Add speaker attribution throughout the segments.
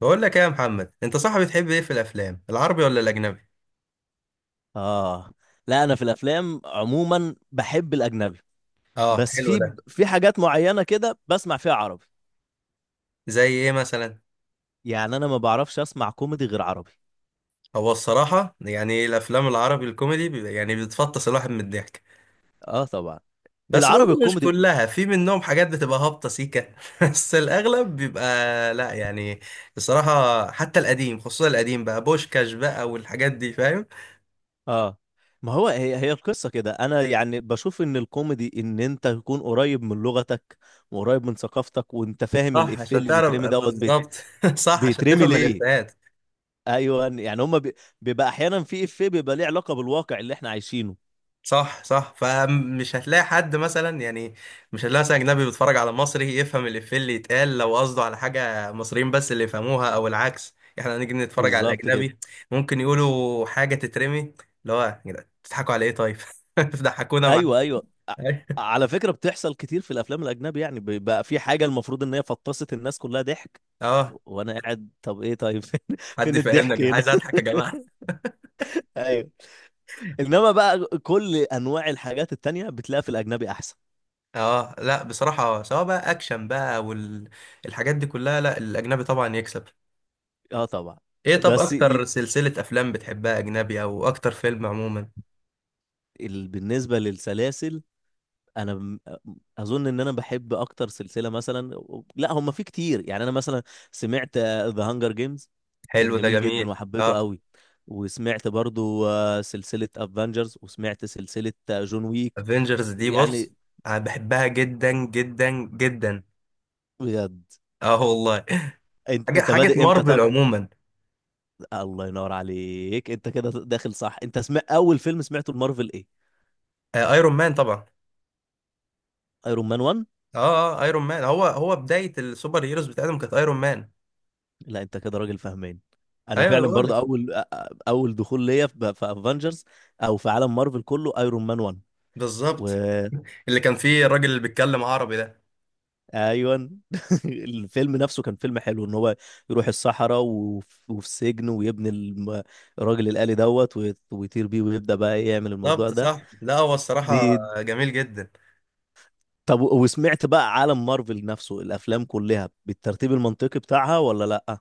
Speaker 1: بقول لك ايه يا محمد، انت صح؟ بتحب ايه في الافلام، العربي ولا الاجنبي؟
Speaker 2: اه. لا، انا في الافلام عموما بحب الاجنبي.
Speaker 1: اه
Speaker 2: بس
Speaker 1: حلو
Speaker 2: في
Speaker 1: ده.
Speaker 2: في حاجات معينه كده بسمع فيها عربي.
Speaker 1: زي ايه مثلا؟
Speaker 2: يعني انا ما بعرفش اسمع كوميدي غير عربي.
Speaker 1: هو الصراحه يعني الافلام العربي الكوميدي يعني بتفطس الواحد من الضحك.
Speaker 2: اه، طبعا.
Speaker 1: بس
Speaker 2: العربي
Speaker 1: برضه مش
Speaker 2: الكوميدي.
Speaker 1: كلها، في منهم حاجات بتبقى هابطه سيكه. بس الاغلب بيبقى. لا يعني. الصراحه حتى القديم، خصوصا القديم بقى، بوشكاش بقى والحاجات دي فاهم.
Speaker 2: اه، ما هو هي هي القصه كده، انا يعني بشوف ان الكوميدي ان انت تكون قريب من لغتك وقريب من ثقافتك وانت فاهم
Speaker 1: صح
Speaker 2: الافيه
Speaker 1: عشان
Speaker 2: اللي
Speaker 1: تعرف
Speaker 2: بيترمي
Speaker 1: بالظبط. صح عشان
Speaker 2: بيترمي
Speaker 1: تفهم
Speaker 2: ليه.
Speaker 1: الافيهات.
Speaker 2: ايوه يعني بيبقى احيانا في افيه بيبقى ليه علاقه بالواقع اللي احنا عايشينه.
Speaker 1: صح صح، فمش هتلاقي حد مثلا يعني. مش هتلاقي مثلا اجنبي بيتفرج على مصري يفهم الافيه اللي يتقال، لو قصده على حاجه مصريين بس اللي يفهموها، او العكس احنا نيجي نتفرج على
Speaker 2: بالظبط كده.
Speaker 1: الاجنبي ممكن يقولوا حاجه تترمي، اللي هو يا جدعان بتضحكوا على ايه طيب؟ ضحكونا معاك.
Speaker 2: ايوه، ايوه، على فكره بتحصل كتير في الافلام الاجنبي، يعني بقى في حاجه المفروض ان هي فطست الناس كلها ضحك،
Speaker 1: اه
Speaker 2: وانا قاعد طب ايه طيب؟ فين
Speaker 1: حد
Speaker 2: فين
Speaker 1: يفهمنا يا
Speaker 2: الضحك
Speaker 1: جدعان،
Speaker 2: هنا؟
Speaker 1: عايز اضحك يا جماعه.
Speaker 2: ايوه. انما بقى كل انواع الحاجات التانية بتلاقيها في الاجنبي احسن.
Speaker 1: اه لا بصراحه، سواء بقى اكشن بقى والحاجات دي كلها، لا الاجنبي طبعا يكسب.
Speaker 2: اه طبعا.
Speaker 1: ايه طب
Speaker 2: بس ي...
Speaker 1: اكتر سلسله افلام بتحبها اجنبي، او اكتر فيلم عموما؟
Speaker 2: بالنسبه للسلاسل، انا م- اظن ان انا بحب اكتر سلسله مثلا، لا هم في كتير. يعني انا مثلا سمعت ذا هانجر جيمز، كان
Speaker 1: حلو ده
Speaker 2: جميل
Speaker 1: جميل
Speaker 2: جدا
Speaker 1: اه.
Speaker 2: وحبيته قوي. وسمعت برضو سلسله افنجرز، وسمعت سلسله جون ويك.
Speaker 1: افنجرز دي
Speaker 2: يعني
Speaker 1: بص، انا بحبها جدا جدا جدا.
Speaker 2: بجد.
Speaker 1: اه والله.
Speaker 2: انت
Speaker 1: حاجه
Speaker 2: انت
Speaker 1: حاجه
Speaker 2: بادئ امتى
Speaker 1: مارفل
Speaker 2: طب؟
Speaker 1: عموما.
Speaker 2: الله ينور عليك، انت كده داخل صح. انت سمع اول فيلم سمعته المارفل ايه؟
Speaker 1: آه ايرون مان طبعا.
Speaker 2: ايرون مان 1.
Speaker 1: اه اه ايرون مان، هو بدايه السوبر هيروز بتاعتهم كانت ايرون مان.
Speaker 2: لا انت كده راجل فاهمان. انا
Speaker 1: ايوه انا
Speaker 2: فعلا
Speaker 1: بقول
Speaker 2: برضو
Speaker 1: لك.
Speaker 2: اول اول دخول ليا في افنجرز او في عالم مارفل كله ايرون مان 1. و
Speaker 1: بالظبط. اللي كان فيه الراجل اللي بيتكلم عربي ده.
Speaker 2: ايوه. الفيلم نفسه كان فيلم حلو، ان هو يروح الصحراء وفي سجن ويبني الراجل الآلي ويطير بيه ويبدأ بقى إيه يعمل الموضوع
Speaker 1: بالظبط
Speaker 2: ده
Speaker 1: صح، لا هو الصراحه
Speaker 2: دي.
Speaker 1: جميل جدا.
Speaker 2: طب وسمعت بقى عالم مارفل نفسه الافلام كلها بالترتيب المنطقي بتاعها ولا لا؟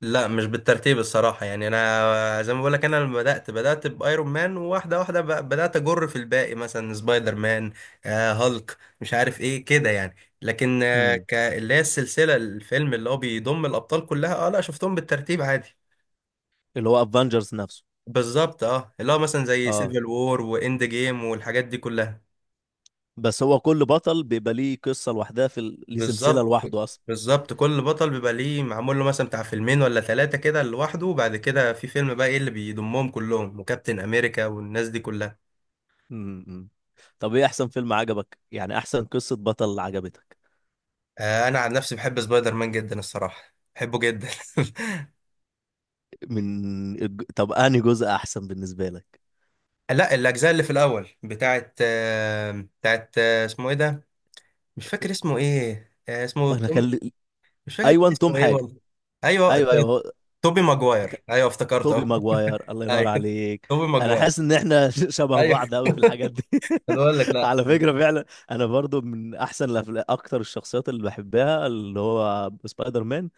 Speaker 1: لا مش بالترتيب الصراحة، يعني أنا زي ما بقولك أنا لما بدأت، بدأت بأيرون مان وواحدة واحدة بدأت أجر في الباقي، مثلا سبايدر مان. آه هالك مش عارف إيه كده يعني. لكن آه
Speaker 2: امم،
Speaker 1: اللي هي السلسلة، الفيلم اللي هو بيضم الأبطال كلها، أه لا شفتهم بالترتيب عادي.
Speaker 2: اللي هو افنجرز نفسه.
Speaker 1: بالظبط أه، اللي هو مثلا زي
Speaker 2: اه.
Speaker 1: سيفل وور وإند جيم والحاجات دي كلها.
Speaker 2: بس هو كل بطل بيبقى ليه قصة لوحدها ليه سلسلة
Speaker 1: بالظبط.
Speaker 2: لوحده اصلا.
Speaker 1: بالظبط كل بطل بيبقى ليه معمول له مثلا بتاع فيلمين ولا ثلاثة كده لوحده، وبعد كده في فيلم بقى إيه اللي بيضمهم كلهم وكابتن أمريكا والناس دي كلها.
Speaker 2: امم. طب ايه احسن فيلم عجبك، يعني احسن قصة بطل عجبتك؟
Speaker 1: آه، انا عن نفسي بحب سبايدر مان جدا، الصراحه بحبه جدا.
Speaker 2: طب انهي جزء احسن بالنسبه لك؟
Speaker 1: لا الاجزاء اللي في الاول بتاعت بتاعت اسمه ايه ده؟ مش فاكر اسمه ايه، اسمه
Speaker 2: انا
Speaker 1: توم.
Speaker 2: كان لي-
Speaker 1: مش فاكر كان
Speaker 2: ايوه، توم
Speaker 1: اسمه ايه
Speaker 2: حاجه.
Speaker 1: والله. ايوه
Speaker 2: ايوه ايوه هو.
Speaker 1: توبي ماجواير،
Speaker 2: ك-
Speaker 1: ايوه افتكرته
Speaker 2: توبي
Speaker 1: أهو.
Speaker 2: ماجواير، الله ينور
Speaker 1: ايوه
Speaker 2: عليك.
Speaker 1: توبي
Speaker 2: انا
Speaker 1: ماجواير.
Speaker 2: حاسس ان احنا شبه
Speaker 1: ايوه
Speaker 2: بعض قوي في الحاجات دي.
Speaker 1: أنا بقول لك لا.
Speaker 2: على فكره فعلا. انا برضو من احسن اكتر الشخصيات اللي بحبها اللي هو سبايدر مان.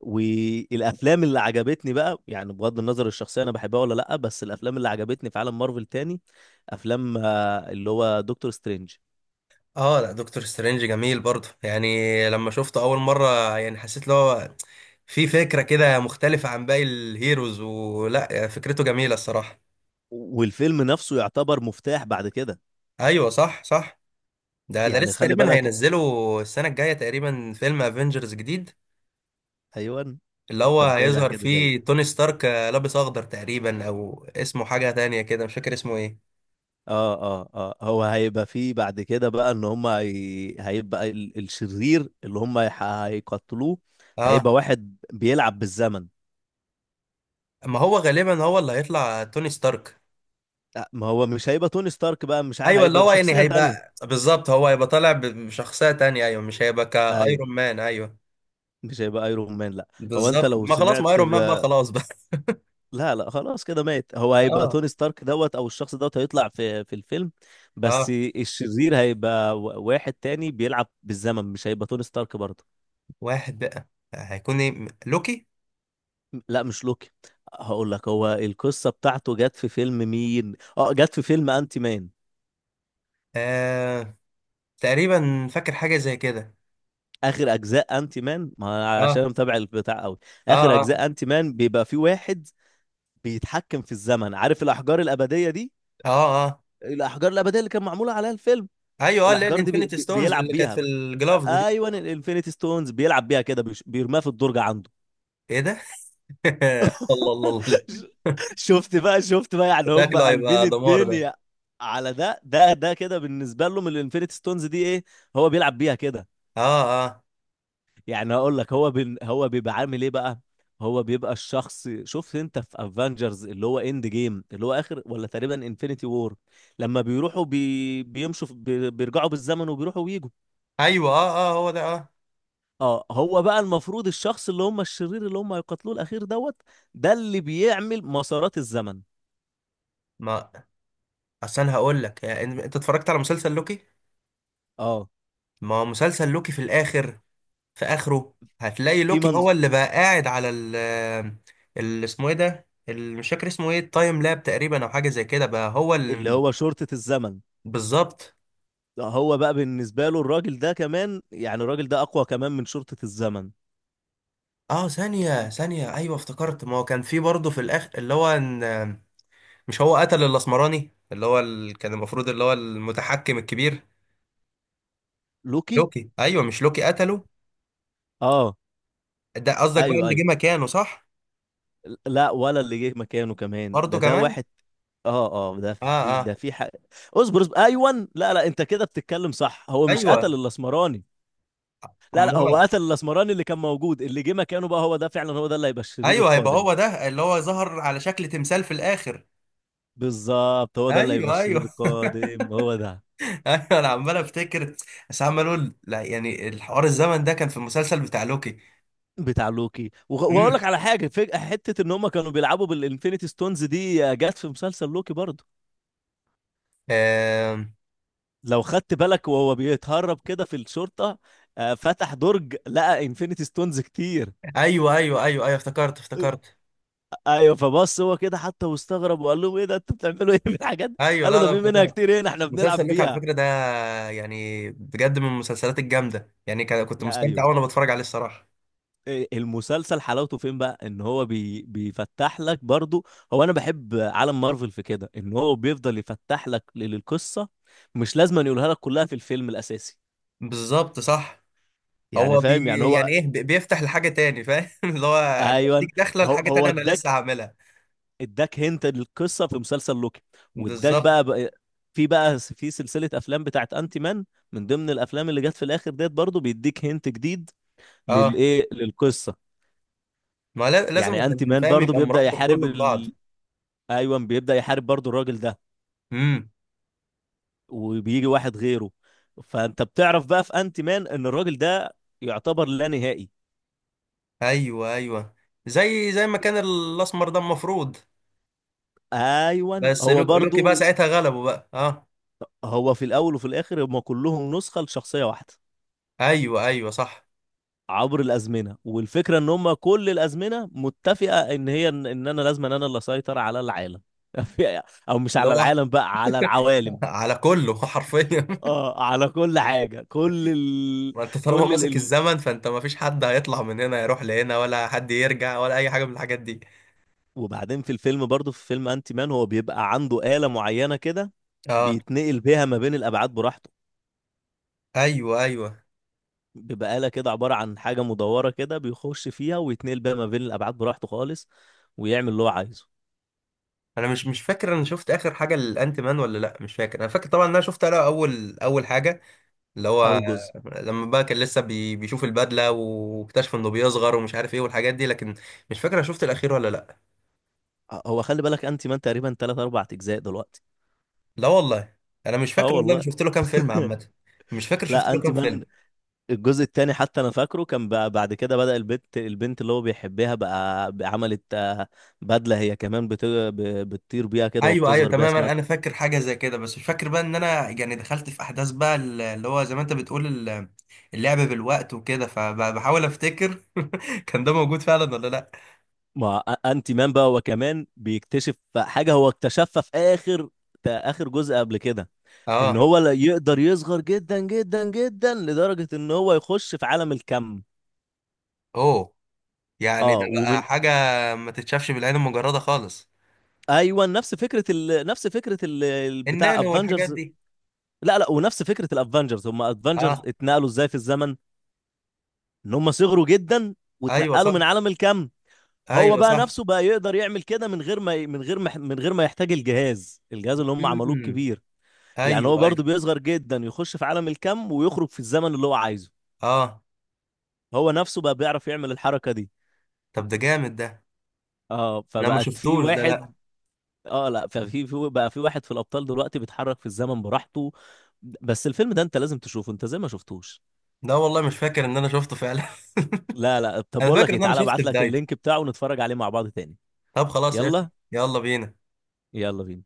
Speaker 2: والافلام اللي عجبتني بقى، يعني بغض النظر الشخصيه انا بحبها ولا لا، بس الافلام اللي عجبتني في عالم مارفل تاني، افلام اللي هو دكتور سترينج.
Speaker 1: اه لا دكتور سترينج جميل برضه يعني، لما شفته اول مره يعني حسيت اللي هو في فكره كده مختلفه عن باقي الهيروز، ولا فكرته جميله الصراحه.
Speaker 2: والفيلم نفسه يعتبر مفتاح بعد كده.
Speaker 1: ايوه صح صح. ده
Speaker 2: يعني
Speaker 1: لسه
Speaker 2: خلي
Speaker 1: تقريبا
Speaker 2: بالك.
Speaker 1: هينزلوا السنة الجاية تقريبا فيلم افنجرز جديد،
Speaker 2: ايوه.
Speaker 1: اللي هو
Speaker 2: انت متابع
Speaker 1: هيظهر
Speaker 2: كده زي.
Speaker 1: فيه توني ستارك لابس اخضر تقريبا، او اسمه حاجة تانية كده مش فاكر اسمه ايه.
Speaker 2: اه اه اه، هو هيبقى فيه بعد كده بقى ان هم هيبقى الشرير اللي هم هيقتلوه. هيبقى
Speaker 1: اه
Speaker 2: واحد بيلعب بالزمن.
Speaker 1: ما هو غالبا هو اللي هيطلع توني ستارك.
Speaker 2: ما هو مش هيبقى توني ستارك بقى، مش ع-
Speaker 1: ايوه اللي
Speaker 2: هيبقى
Speaker 1: هو يعني
Speaker 2: بشخصية تانية.
Speaker 1: هيبقى بالظبط، هو هيبقى طالع بشخصية تانية، ايوه مش هيبقى
Speaker 2: اي،
Speaker 1: كايرون مان ايوه.
Speaker 2: مش هيبقى ايرون مان لا. هو انت
Speaker 1: بالظبط،
Speaker 2: لو
Speaker 1: ما خلاص ما
Speaker 2: سمعت
Speaker 1: ايرون مان بقى
Speaker 2: ب...
Speaker 1: خلاص بقى.
Speaker 2: لا لا، خلاص كده مات. هو هيبقى
Speaker 1: اه
Speaker 2: توني ستارك او الشخص هيطلع في الفيلم بس.
Speaker 1: اه.
Speaker 2: الشرير هيبقى واحد تاني بيلعب بالزمن، مش هيبقى توني ستارك برضه.
Speaker 1: واحد بقى، هيكون ايه لوكي؟
Speaker 2: لا مش لوكي. هقول لك هو القصه بتاعته جت في فيلم مين، اه جت في فيلم انتي مان.
Speaker 1: آه تقريبا فاكر حاجة زي كده.
Speaker 2: اخر اجزاء انتي مان، ما أنا عشان
Speaker 1: اه
Speaker 2: أنا متابع البتاع قوي.
Speaker 1: اه
Speaker 2: اخر
Speaker 1: اه
Speaker 2: اجزاء انتي مان بيبقى في واحد بيتحكم في الزمن، عارف الاحجار الابديه دي؟
Speaker 1: اه اه.
Speaker 2: الاحجار الابديه اللي كان معموله عليها الفيلم.
Speaker 1: ايوه اه، اللي هي
Speaker 2: الاحجار دي
Speaker 1: الانفينيتي ستونز
Speaker 2: بيلعب
Speaker 1: اللي كانت في
Speaker 2: بيها.
Speaker 1: الجلافز دي.
Speaker 2: ايوه، الانفينيتي ستونز بيلعب بيها كده، بيرميها في الدرج عنده.
Speaker 1: ايه ده؟ الله الله الله.
Speaker 2: شفت بقى، شفت بقى، يعني هم
Speaker 1: شكله
Speaker 2: قلبين
Speaker 1: هيبقى دمار ده.
Speaker 2: الدنيا. على ده ده ده كده بالنسبه لهم الانفينيتي ستونز دي ايه، هو بيلعب بيها كده.
Speaker 1: اه اه.
Speaker 2: يعني هقول لك هو هو بيبقى عامل ايه بقى. هو بيبقى الشخص، شفت انت في افنجرز اللي هو اند جيم، اللي هو اخر ولا تقريبا انفينيتي وور، لما بيروحوا بيمشوا بيرجعوا بالزمن وبيروحوا ويجوا.
Speaker 1: ايوه اه اه هو ده اه.
Speaker 2: اه هو بقى المفروض الشخص اللي هم الشرير اللي هم هيقتلوه الاخير ده اللي بيعمل مسارات الزمن.
Speaker 1: ما اصل انا هقول لك يعني، انت اتفرجت على مسلسل لوكي؟
Speaker 2: اه.
Speaker 1: ما هو مسلسل لوكي في الاخر، في اخره هتلاقي
Speaker 2: في
Speaker 1: لوكي
Speaker 2: منظ...
Speaker 1: هو اللي بقى قاعد على ال اسمه ايه ده؟ مش فاكر اسمه ايه، التايم لاب تقريبا او حاجه زي كده، بقى هو
Speaker 2: اللي
Speaker 1: اللي.
Speaker 2: هو شرطة الزمن.
Speaker 1: بالظبط.
Speaker 2: هو بقى بالنسبة له الراجل ده كمان، يعني الراجل ده أقوى كمان من شرطة الزمن.
Speaker 1: اه ثانيه ثانيه ايوه افتكرت، ما هو كان في برضه في الاخر اللي هو إن، مش هو قتل الاسمراني اللي هو كان المفروض اللي هو المتحكم الكبير؟
Speaker 2: لوكي،
Speaker 1: لوكي، ايوه مش لوكي قتله.
Speaker 2: اه.
Speaker 1: ده قصدك بقى
Speaker 2: ايوه
Speaker 1: اللي
Speaker 2: ايوه.
Speaker 1: جه مكانه صح.
Speaker 2: لا ولا اللي جه مكانه كمان
Speaker 1: برضه
Speaker 2: ده ده
Speaker 1: كمان.
Speaker 2: واحد. اه اه، ده
Speaker 1: اه
Speaker 2: في ده
Speaker 1: اه
Speaker 2: في حق. اصبر اصبر، ايوه، لا لا، انت كده بتتكلم صح، هو مش قتل
Speaker 1: ايوه.
Speaker 2: الاسمراني. لا لا هو
Speaker 1: امال،
Speaker 2: قتل الاسمراني اللي كان موجود، اللي جه مكانه بقى هو ده فعلا، هو ده اللي هيبقى الشرير
Speaker 1: ايوه هيبقى
Speaker 2: القادم.
Speaker 1: هو ده اللي هو ظهر على شكل تمثال في الاخر.
Speaker 2: بالظبط هو ده اللي هيبقى
Speaker 1: ايوه
Speaker 2: الشرير
Speaker 1: ايوه.
Speaker 2: القادم هو ده.
Speaker 1: ايوه انا عمال افتكر، بس عمال اقول لا يعني الحوار الزمن ده كان في المسلسل بتاع لوكي.
Speaker 2: بتاع لوكي. واقول
Speaker 1: امم.
Speaker 2: لك على حاجه، فجاه حته ان هم كانوا بيلعبوا بالانفينيتي ستونز دي جت في مسلسل لوكي برضه.
Speaker 1: آه...
Speaker 2: لو خدت بالك وهو بيتهرب كده في الشرطه، فتح درج لقى انفينيتي ستونز كتير.
Speaker 1: ايوه ايوه ايوه ايوه افتكرت افتكرت.
Speaker 2: ايوه فبص هو كده حتى واستغرب وقال لهم ايه ده انتوا بتعملوا ايه بالحاجات دي؟
Speaker 1: ايوه
Speaker 2: قالوا
Speaker 1: لا
Speaker 2: ده
Speaker 1: لا
Speaker 2: في منها
Speaker 1: افتكرت.
Speaker 2: كتير هنا احنا
Speaker 1: مسلسل
Speaker 2: بنلعب
Speaker 1: لوك على
Speaker 2: بيها.
Speaker 1: فكرة ده يعني بجد من المسلسلات الجامدة يعني كنت مستمتع
Speaker 2: ايوه.
Speaker 1: وانا بتفرج عليه الصراحة.
Speaker 2: المسلسل حلاوته فين بقى، ان هو بيفتح لك برضو. هو انا بحب عالم مارفل في كده ان هو بيفضل يفتح لك القصه، مش لازم أن يقولها لك كلها في الفيلم الاساسي.
Speaker 1: بالظبط صح.
Speaker 2: يعني
Speaker 1: هو بي
Speaker 2: فاهم يعني
Speaker 1: يعني
Speaker 2: هو.
Speaker 1: ايه بيفتح لحاجة تاني فاهم. اللي هو انا بديك
Speaker 2: ايوه.
Speaker 1: داخلة
Speaker 2: هو
Speaker 1: لحاجة
Speaker 2: هو
Speaker 1: تانية، انا لسه
Speaker 2: اداك.
Speaker 1: هعملها.
Speaker 2: اداك هنت للقصه في مسلسل لوكي. واداك
Speaker 1: بالظبط.
Speaker 2: بقى, بقى في بقى في سلسله افلام بتاعت انتي مان، من ضمن الافلام اللي جت في الاخر ديت برضو بيديك هنت جديد
Speaker 1: اه
Speaker 2: للايه للقصه.
Speaker 1: ما لازم
Speaker 2: يعني انتي
Speaker 1: عشان
Speaker 2: مان
Speaker 1: فاهم
Speaker 2: برضو
Speaker 1: يبقى
Speaker 2: بيبدا
Speaker 1: مربط
Speaker 2: يحارب
Speaker 1: كله ببعض.
Speaker 2: ايوه، بيبدا يحارب برضو الراجل ده،
Speaker 1: امم.
Speaker 2: وبيجي واحد غيره. فانت بتعرف بقى في انت مان ان الراجل ده يعتبر لا نهائي.
Speaker 1: ايوه ايوه، زي ما كان الاسمر ده المفروض.
Speaker 2: ايوه
Speaker 1: بس
Speaker 2: هو
Speaker 1: لوكي بقى
Speaker 2: برضو.
Speaker 1: ساعتها غلبه بقى اه.
Speaker 2: هو في الاول وفي الاخر هم كلهم نسخه لشخصيه واحده
Speaker 1: ايوه ايوه صح.
Speaker 2: عبر الازمنه، والفكره ان هم كل الازمنه متفقه ان هي ان إن انا لازم انا اللي اسيطر على العالم. او مش
Speaker 1: اللي
Speaker 2: على
Speaker 1: هو
Speaker 2: العالم بقى، على العوالم.
Speaker 1: على كله حرفيا.
Speaker 2: اه على كل حاجه،
Speaker 1: ما انت طالما
Speaker 2: كل
Speaker 1: ماسك
Speaker 2: ال...
Speaker 1: الزمن، فانت ما فيش حد هيطلع من هنا يروح لهنا، ولا حد يرجع ولا اي حاجه من الحاجات دي.
Speaker 2: وبعدين في الفيلم برضه في فيلم انتي مان هو بيبقى عنده آلة معينة كده،
Speaker 1: اه
Speaker 2: بيتنقل بيها ما بين الأبعاد براحته.
Speaker 1: ايوه ايوه.
Speaker 2: بيبقى آلة كده عبارة عن حاجة مدورة كده، بيخش فيها ويتنقل بيها ما بين الأبعاد براحته خالص، ويعمل اللي هو عايزه.
Speaker 1: انا مش فاكر انا شفت اخر حاجه للانت مان ولا لا، مش فاكر. انا فاكر طبعا ان انا شفت انا اول اول حاجه اللي هو
Speaker 2: أول جزء.
Speaker 1: لما بقى كان لسه بيشوف البدله واكتشف انه بيصغر ومش عارف ايه والحاجات دي، لكن مش فاكر انا شفت الاخير ولا لا.
Speaker 2: هو خلي بالك انتي مان تقريبا تلات أربع أجزاء دلوقتي.
Speaker 1: لا والله انا مش
Speaker 2: اه
Speaker 1: فاكر والله انا
Speaker 2: والله.
Speaker 1: شفت له كام فيلم عامه. مش فاكر شفت
Speaker 2: لا
Speaker 1: له
Speaker 2: انتي
Speaker 1: كام
Speaker 2: مان
Speaker 1: فيلم.
Speaker 2: الجزء التاني حتى انا فاكره، كان بقى بعد كده بدأ البنت البنت اللي هو بيحبها بقى بقى عملت بدلة، هي كمان بتطير بيها كده
Speaker 1: ايوه ايوه
Speaker 2: وبتصغر بيها
Speaker 1: تماما
Speaker 2: اسمها.
Speaker 1: انا فاكر حاجه زي كده، بس مش فاكر بقى ان انا يعني دخلت في احداث بقى اللي هو زي ما انت بتقول اللعب بالوقت وكده، فبحاول افتكر كان ده موجود فعلا ولا لا.
Speaker 2: ما أ- انتي مان بقى هو كمان بيكتشف حاجه هو اكتشفها في اخر اخر جزء قبل كده،
Speaker 1: اه
Speaker 2: ان هو لا يقدر يصغر جدا جدا جدا لدرجه ان هو يخش في عالم الكم.
Speaker 1: اوه. يعني
Speaker 2: اه
Speaker 1: ده بقى
Speaker 2: ومن.
Speaker 1: حاجه ما تتشافش بالعين المجرده خالص.
Speaker 2: ايوه نفس فكره نفس فكره بتاع
Speaker 1: النانو والحاجات
Speaker 2: افنجرز.
Speaker 1: دي.
Speaker 2: لا لا، ونفس فكره الافنجرز هم افنجرز
Speaker 1: اه
Speaker 2: اتنقلوا ازاي في الزمن. ان هم صغروا جدا
Speaker 1: ايوه
Speaker 2: واتنقلوا
Speaker 1: صح
Speaker 2: من عالم الكم. هو
Speaker 1: ايوه
Speaker 2: بقى
Speaker 1: صح.
Speaker 2: نفسه بقى يقدر يعمل كده من غير ما من غير ما من غير ما يحتاج الجهاز الجهاز اللي هم عملوه
Speaker 1: امم
Speaker 2: الكبير. يعني
Speaker 1: ايوه
Speaker 2: هو
Speaker 1: ايوه
Speaker 2: برضه بيصغر جدا يخش في عالم الكم ويخرج في الزمن اللي هو عايزه.
Speaker 1: اه.
Speaker 2: هو نفسه بقى بيعرف يعمل الحركة دي.
Speaker 1: طب ده جامد ده.
Speaker 2: اه
Speaker 1: انا ما
Speaker 2: فبقت في
Speaker 1: شفتوش ده لا.
Speaker 2: واحد. اه لا، ففي في بقى في واحد في الأبطال دلوقتي بيتحرك في الزمن براحته، بس الفيلم ده انت لازم تشوفه انت زي ما شفتوش.
Speaker 1: ده والله مش فاكر ان انا شفته فعلا.
Speaker 2: لا لا، طب
Speaker 1: انا
Speaker 2: بقول لك
Speaker 1: فاكر
Speaker 2: ايه،
Speaker 1: ان انا
Speaker 2: تعالى
Speaker 1: شفت
Speaker 2: ابعت لك
Speaker 1: بدايته.
Speaker 2: اللينك بتاعه ونتفرج عليه مع بعض تاني.
Speaker 1: طب خلاص قشطة.
Speaker 2: يلا.
Speaker 1: يلا بينا.
Speaker 2: يلا بينا.